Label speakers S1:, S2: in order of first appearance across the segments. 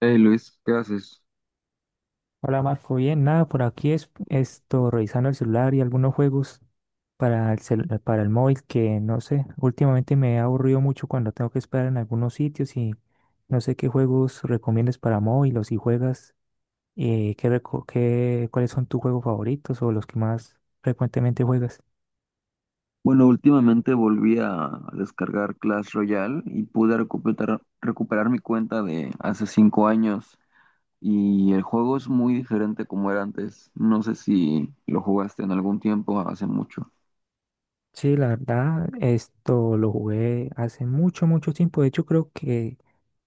S1: Hey Luis, ¿qué haces?
S2: Hola Marco, bien, nada, por aquí es esto, revisando el celular y algunos juegos para el móvil, que no sé, últimamente me he aburrido mucho cuando tengo que esperar en algunos sitios y no sé qué juegos recomiendas para móvil o si juegas. ¿Cuáles son tus juegos favoritos o los que más frecuentemente juegas?
S1: Bueno, últimamente volví a descargar Clash Royale y pude recuperar mi cuenta de hace 5 años y el juego es muy diferente como era antes. No sé si lo jugaste en algún tiempo, hace mucho.
S2: Sí, la verdad, esto lo jugué hace mucho, mucho tiempo. De hecho creo que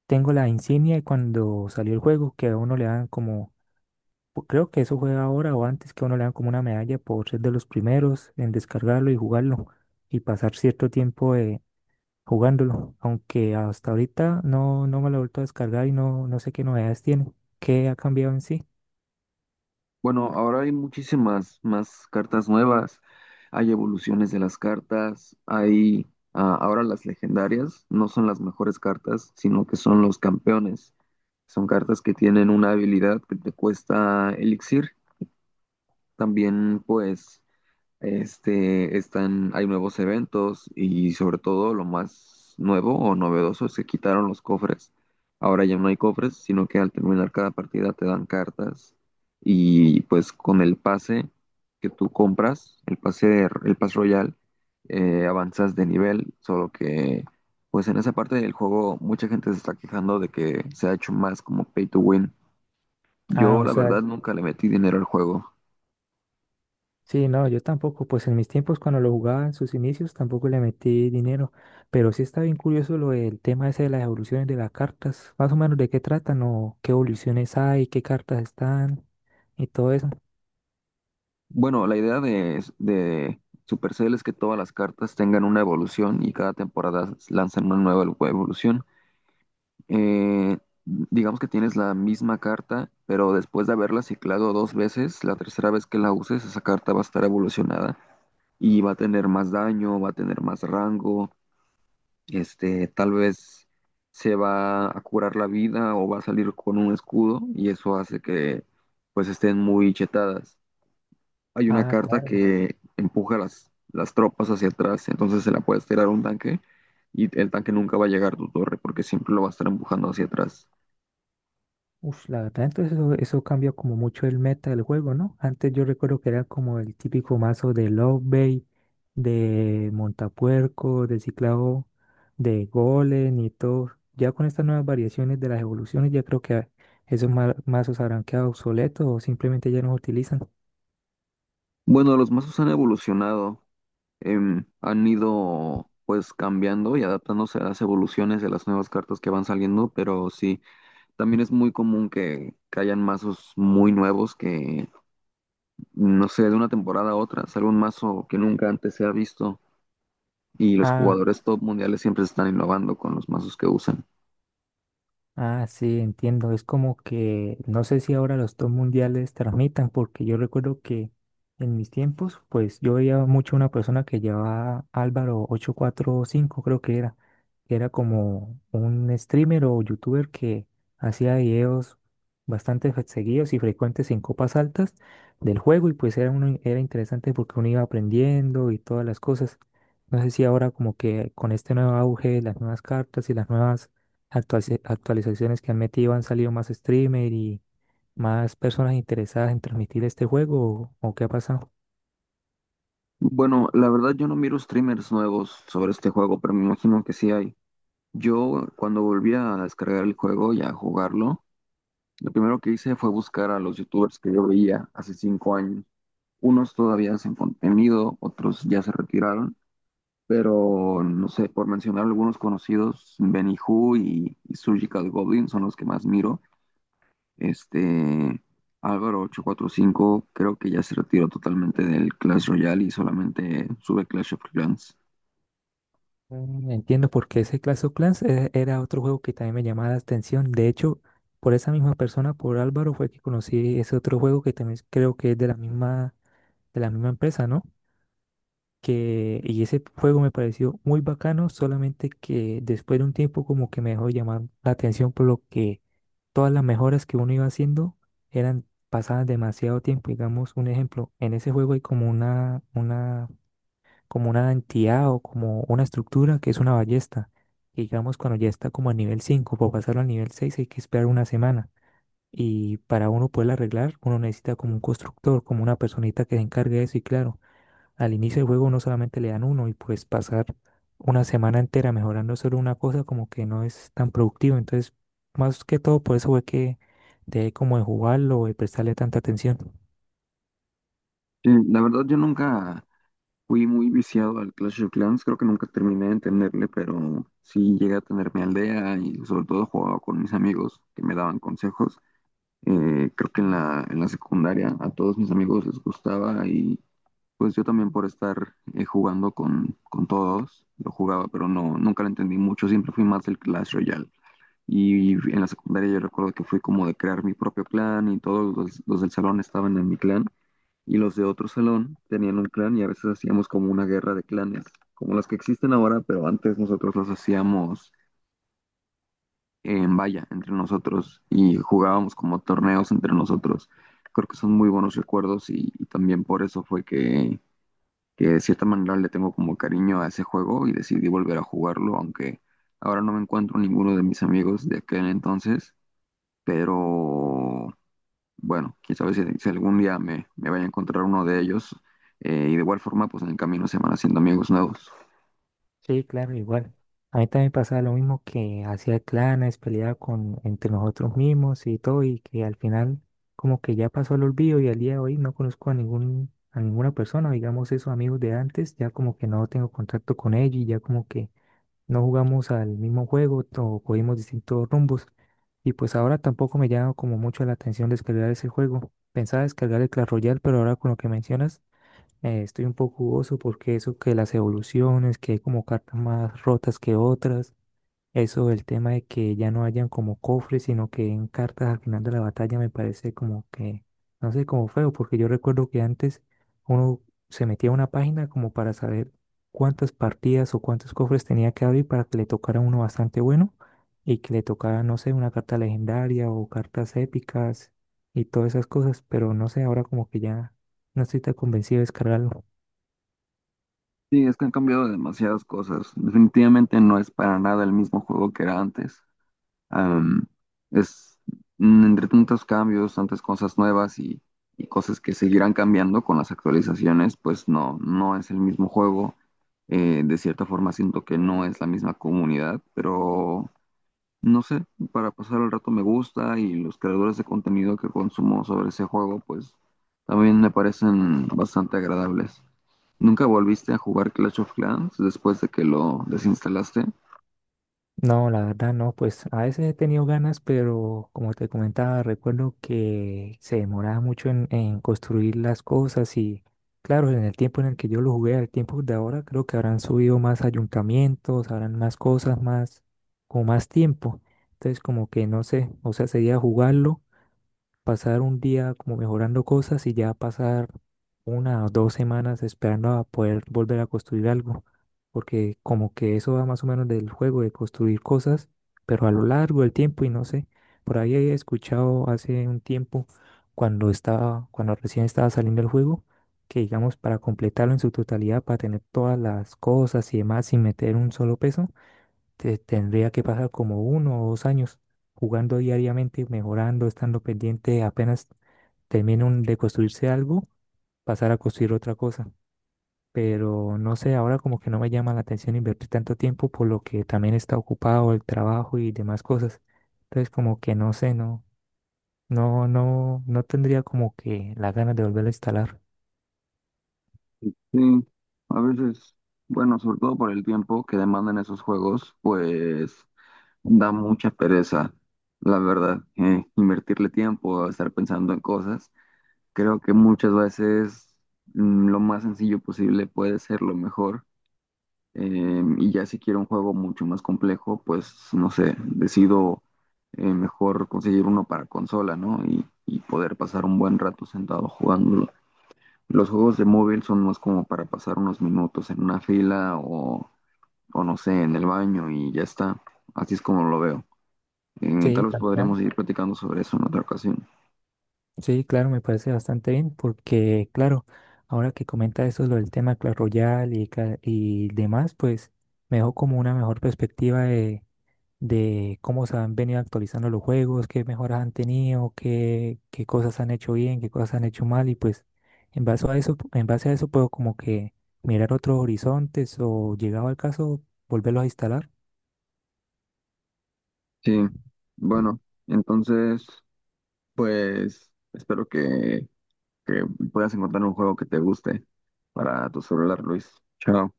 S2: tengo la insignia de cuando salió el juego, que a uno le dan como Creo que eso fue ahora o antes, que a uno le dan como una medalla por ser de los primeros en descargarlo y jugarlo y pasar cierto tiempo, jugándolo, aunque hasta ahorita no me lo he vuelto a descargar y no sé qué novedades tiene, qué ha cambiado en sí.
S1: Bueno, ahora hay muchísimas más cartas nuevas, hay evoluciones de las cartas, ahora las legendarias no son las mejores cartas, sino que son los campeones. Son cartas que tienen una habilidad que te cuesta elixir, también pues hay nuevos eventos, y sobre todo lo más nuevo o novedoso es que quitaron los cofres. Ahora ya no hay cofres, sino que al terminar cada partida te dan cartas, y pues con el pase que tú compras, el pase royal, avanzas de nivel, solo que pues en esa parte del juego mucha gente se está quejando de que se ha hecho más como pay to win.
S2: Ah,
S1: Yo
S2: o
S1: la
S2: sea,
S1: verdad nunca le metí dinero al juego.
S2: sí, no, yo tampoco, pues en mis tiempos cuando lo jugaba en sus inicios tampoco le metí dinero, pero sí está bien curioso lo del tema ese de las evoluciones de las cartas, más o menos de qué tratan o qué evoluciones hay, qué cartas están y todo eso.
S1: Bueno, la idea de Supercell es que todas las cartas tengan una evolución y cada temporada lanzan una nueva evolución. Eh, digamos que tienes la misma carta, pero después de haberla ciclado 2 veces, la tercera vez que la uses, esa carta va a estar evolucionada y va a tener más daño, va a tener más rango, tal vez se va a curar la vida o va a salir con un escudo, y eso hace que pues estén muy chetadas. Hay una
S2: Ah,
S1: carta
S2: claro.
S1: que empuja las tropas hacia atrás, entonces se la puedes tirar a un tanque, y el tanque nunca va a llegar a tu torre porque siempre lo va a estar empujando hacia atrás.
S2: Uf, la verdad, entonces eso cambia como mucho el meta del juego, ¿no? Antes yo recuerdo que era como el típico mazo de Love Bait, de Montapuerco, de Ciclado, de Golem y todo. Ya con estas nuevas variaciones de las evoluciones, ya creo que esos mazos habrán quedado obsoletos o simplemente ya no se utilizan.
S1: Bueno, los mazos han evolucionado, han ido pues cambiando y adaptándose a las evoluciones de las nuevas cartas que van saliendo, pero sí, también es muy común que hayan mazos muy nuevos que, no sé, de una temporada a otra sale un mazo que nunca antes se ha visto, y los
S2: Ah.
S1: jugadores top mundiales siempre están innovando con los mazos que usan.
S2: Ah, sí, entiendo. Es como que no sé si ahora los dos mundiales transmitan, porque yo recuerdo que en mis tiempos, pues yo veía mucho una persona que llevaba Álvaro 845, creo que era como un streamer o youtuber que hacía videos bastante seguidos y frecuentes en copas altas del juego y pues era interesante, porque uno iba aprendiendo y todas las cosas. No sé si ahora como que con este nuevo auge, las nuevas cartas y las nuevas actualizaciones que han metido, han salido más streamer y más personas interesadas en transmitir este juego o qué ha pasado.
S1: Bueno, la verdad yo no miro streamers nuevos sobre este juego, pero me imagino que sí hay. Yo cuando volví a descargar el juego y a jugarlo, lo primero que hice fue buscar a los youtubers que yo veía hace 5 años. Unos todavía sin contenido, otros ya se retiraron, pero no sé, por mencionar algunos conocidos, Benny Who y Surgical Goblin son los que más miro. Este, Álvaro 845 creo que ya se retiró totalmente del Clash Royale y solamente sube Clash of Clans.
S2: Entiendo, porque ese Clash of Clans, era otro juego que también me llamaba la atención. De hecho, por esa misma persona, por Álvaro, fue que conocí ese otro juego, que también creo que es de la misma empresa, ¿no? Y ese juego me pareció muy bacano, solamente que después de un tiempo como que me dejó llamar la atención por lo que todas las mejoras que uno iba haciendo eran pasadas demasiado tiempo. Digamos, un ejemplo, en ese juego hay como como una entidad o como una estructura que es una ballesta. Y digamos, cuando ya está como a nivel 5, para pasarlo al nivel 6 hay que esperar una semana. Y para uno poderla arreglar, uno necesita como un constructor, como una personita que se encargue de eso y claro. Al inicio del juego uno solamente le dan uno y pues pasar una semana entera mejorando solo una cosa como que no es tan productivo. Entonces, más que todo por eso fue que dejé como de jugarlo o de prestarle tanta atención.
S1: Sí, la verdad yo nunca fui muy viciado al Clash of Clans, creo que nunca terminé de entenderle, pero sí llegué a tener mi aldea, y sobre todo jugaba con mis amigos que me daban consejos. Creo que en la secundaria a todos mis amigos les gustaba, y pues yo también por estar jugando con todos lo jugaba, pero no, nunca lo entendí mucho, siempre fui más del Clash Royale. Y en la secundaria yo recuerdo que fui como de crear mi propio clan, y todos los del salón estaban en mi clan, y los de otro salón tenían un clan, y a veces hacíamos como una guerra de clanes, como las que existen ahora, pero antes nosotros los hacíamos en valla entre nosotros, y jugábamos como torneos entre nosotros. Creo que son muy buenos recuerdos, y también por eso fue que de cierta manera le tengo como cariño a ese juego y decidí volver a jugarlo, aunque ahora no me encuentro ninguno de mis amigos de aquel entonces. Pero bueno, quién sabe si, si algún día me vaya a encontrar uno de ellos, y de igual forma pues en el camino se van haciendo amigos nuevos.
S2: Sí, claro, igual. A mí también pasaba lo mismo, que hacía clanes, peleaba con entre nosotros mismos y todo, y que al final como que ya pasó el olvido y al día de hoy no conozco a ningún a ninguna persona. Digamos, esos amigos de antes, ya como que no tengo contacto con ellos y ya como que no jugamos al mismo juego o cogimos distintos rumbos. Y pues ahora tampoco me llama como mucho la atención descargar ese juego. Pensaba descargar el Clash Royale, pero ahora con lo que mencionas, estoy un poco jugoso, porque eso que las evoluciones, que hay como cartas más rotas que otras, eso, el tema de que ya no hayan como cofres, sino que en cartas al final de la batalla, me parece como que, no sé, como feo, porque yo recuerdo que antes uno se metía a una página como para saber cuántas partidas o cuántos cofres tenía que abrir para que le tocara uno bastante bueno y que le tocara, no sé, una carta legendaria o cartas épicas y todas esas cosas, pero no sé, ahora como que ya no estoy tan convencido de descargarlo.
S1: Sí, es que han cambiado demasiadas cosas. Definitivamente no es para nada el mismo juego que era antes. Am, es Entre tantos cambios, tantas cosas nuevas, y cosas que seguirán cambiando con las actualizaciones, pues no, no es el mismo juego. De cierta forma siento que no es la misma comunidad, pero no sé, para pasar el rato me gusta, y los creadores de contenido que consumo sobre ese juego, pues también me parecen bastante agradables. ¿Nunca volviste a jugar Clash of Clans después de que lo desinstalaste?
S2: No, la verdad no, pues a veces he tenido ganas, pero como te comentaba, recuerdo que se demoraba mucho en construir las cosas y claro, en el tiempo en el que yo lo jugué, al tiempo de ahora, creo que habrán subido más ayuntamientos, habrán más cosas, más, con más tiempo. Entonces como que no sé, o sea, sería jugarlo, pasar un día como mejorando cosas y ya pasar 1 o 2 semanas esperando a poder volver a construir algo, porque como que eso va más o menos del juego, de construir cosas, pero a lo largo del tiempo, y no sé, por ahí he escuchado hace un tiempo, cuando recién estaba saliendo el juego, que digamos, para completarlo en su totalidad, para tener todas las cosas y demás sin meter un solo peso, tendría que pasar como 1 o 2 años jugando diariamente, mejorando, estando pendiente, apenas termine de construirse algo, pasar a construir otra cosa. Pero no sé, ahora como que no me llama la atención invertir tanto tiempo, por lo que también está ocupado el trabajo y demás cosas. Entonces como que no sé, no tendría como que la ganas de volver a instalar.
S1: Sí, a veces, bueno, sobre todo por el tiempo que demandan esos juegos, pues da mucha pereza, la verdad, invertirle tiempo a estar pensando en cosas. Creo que muchas veces lo más sencillo posible puede ser lo mejor. Y ya si quiero un juego mucho más complejo, pues no sé, decido mejor conseguir uno para consola, ¿no? Y poder pasar un buen rato sentado jugando. Los juegos de móvil son más como para pasar unos minutos en una fila, o no sé, en el baño, y ya está. Así es como lo veo.
S2: Sí,
S1: Tal vez
S2: tal cual.
S1: podríamos seguir platicando sobre eso en otra ocasión.
S2: Sí, claro, me parece bastante bien, porque claro, ahora que comenta eso, lo del tema Clash Royale y demás, pues me dejó como una mejor perspectiva de cómo se han venido actualizando los juegos, qué mejoras han tenido, qué cosas han hecho bien, qué cosas han hecho mal y pues en base a eso, en base a eso puedo como que mirar otros horizontes o, llegado al caso, volverlos a instalar.
S1: Sí, bueno, entonces, pues espero que puedas encontrar un juego que te guste para tu celular, Luis. Chao.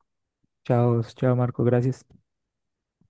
S2: Chao, chao Marco, gracias.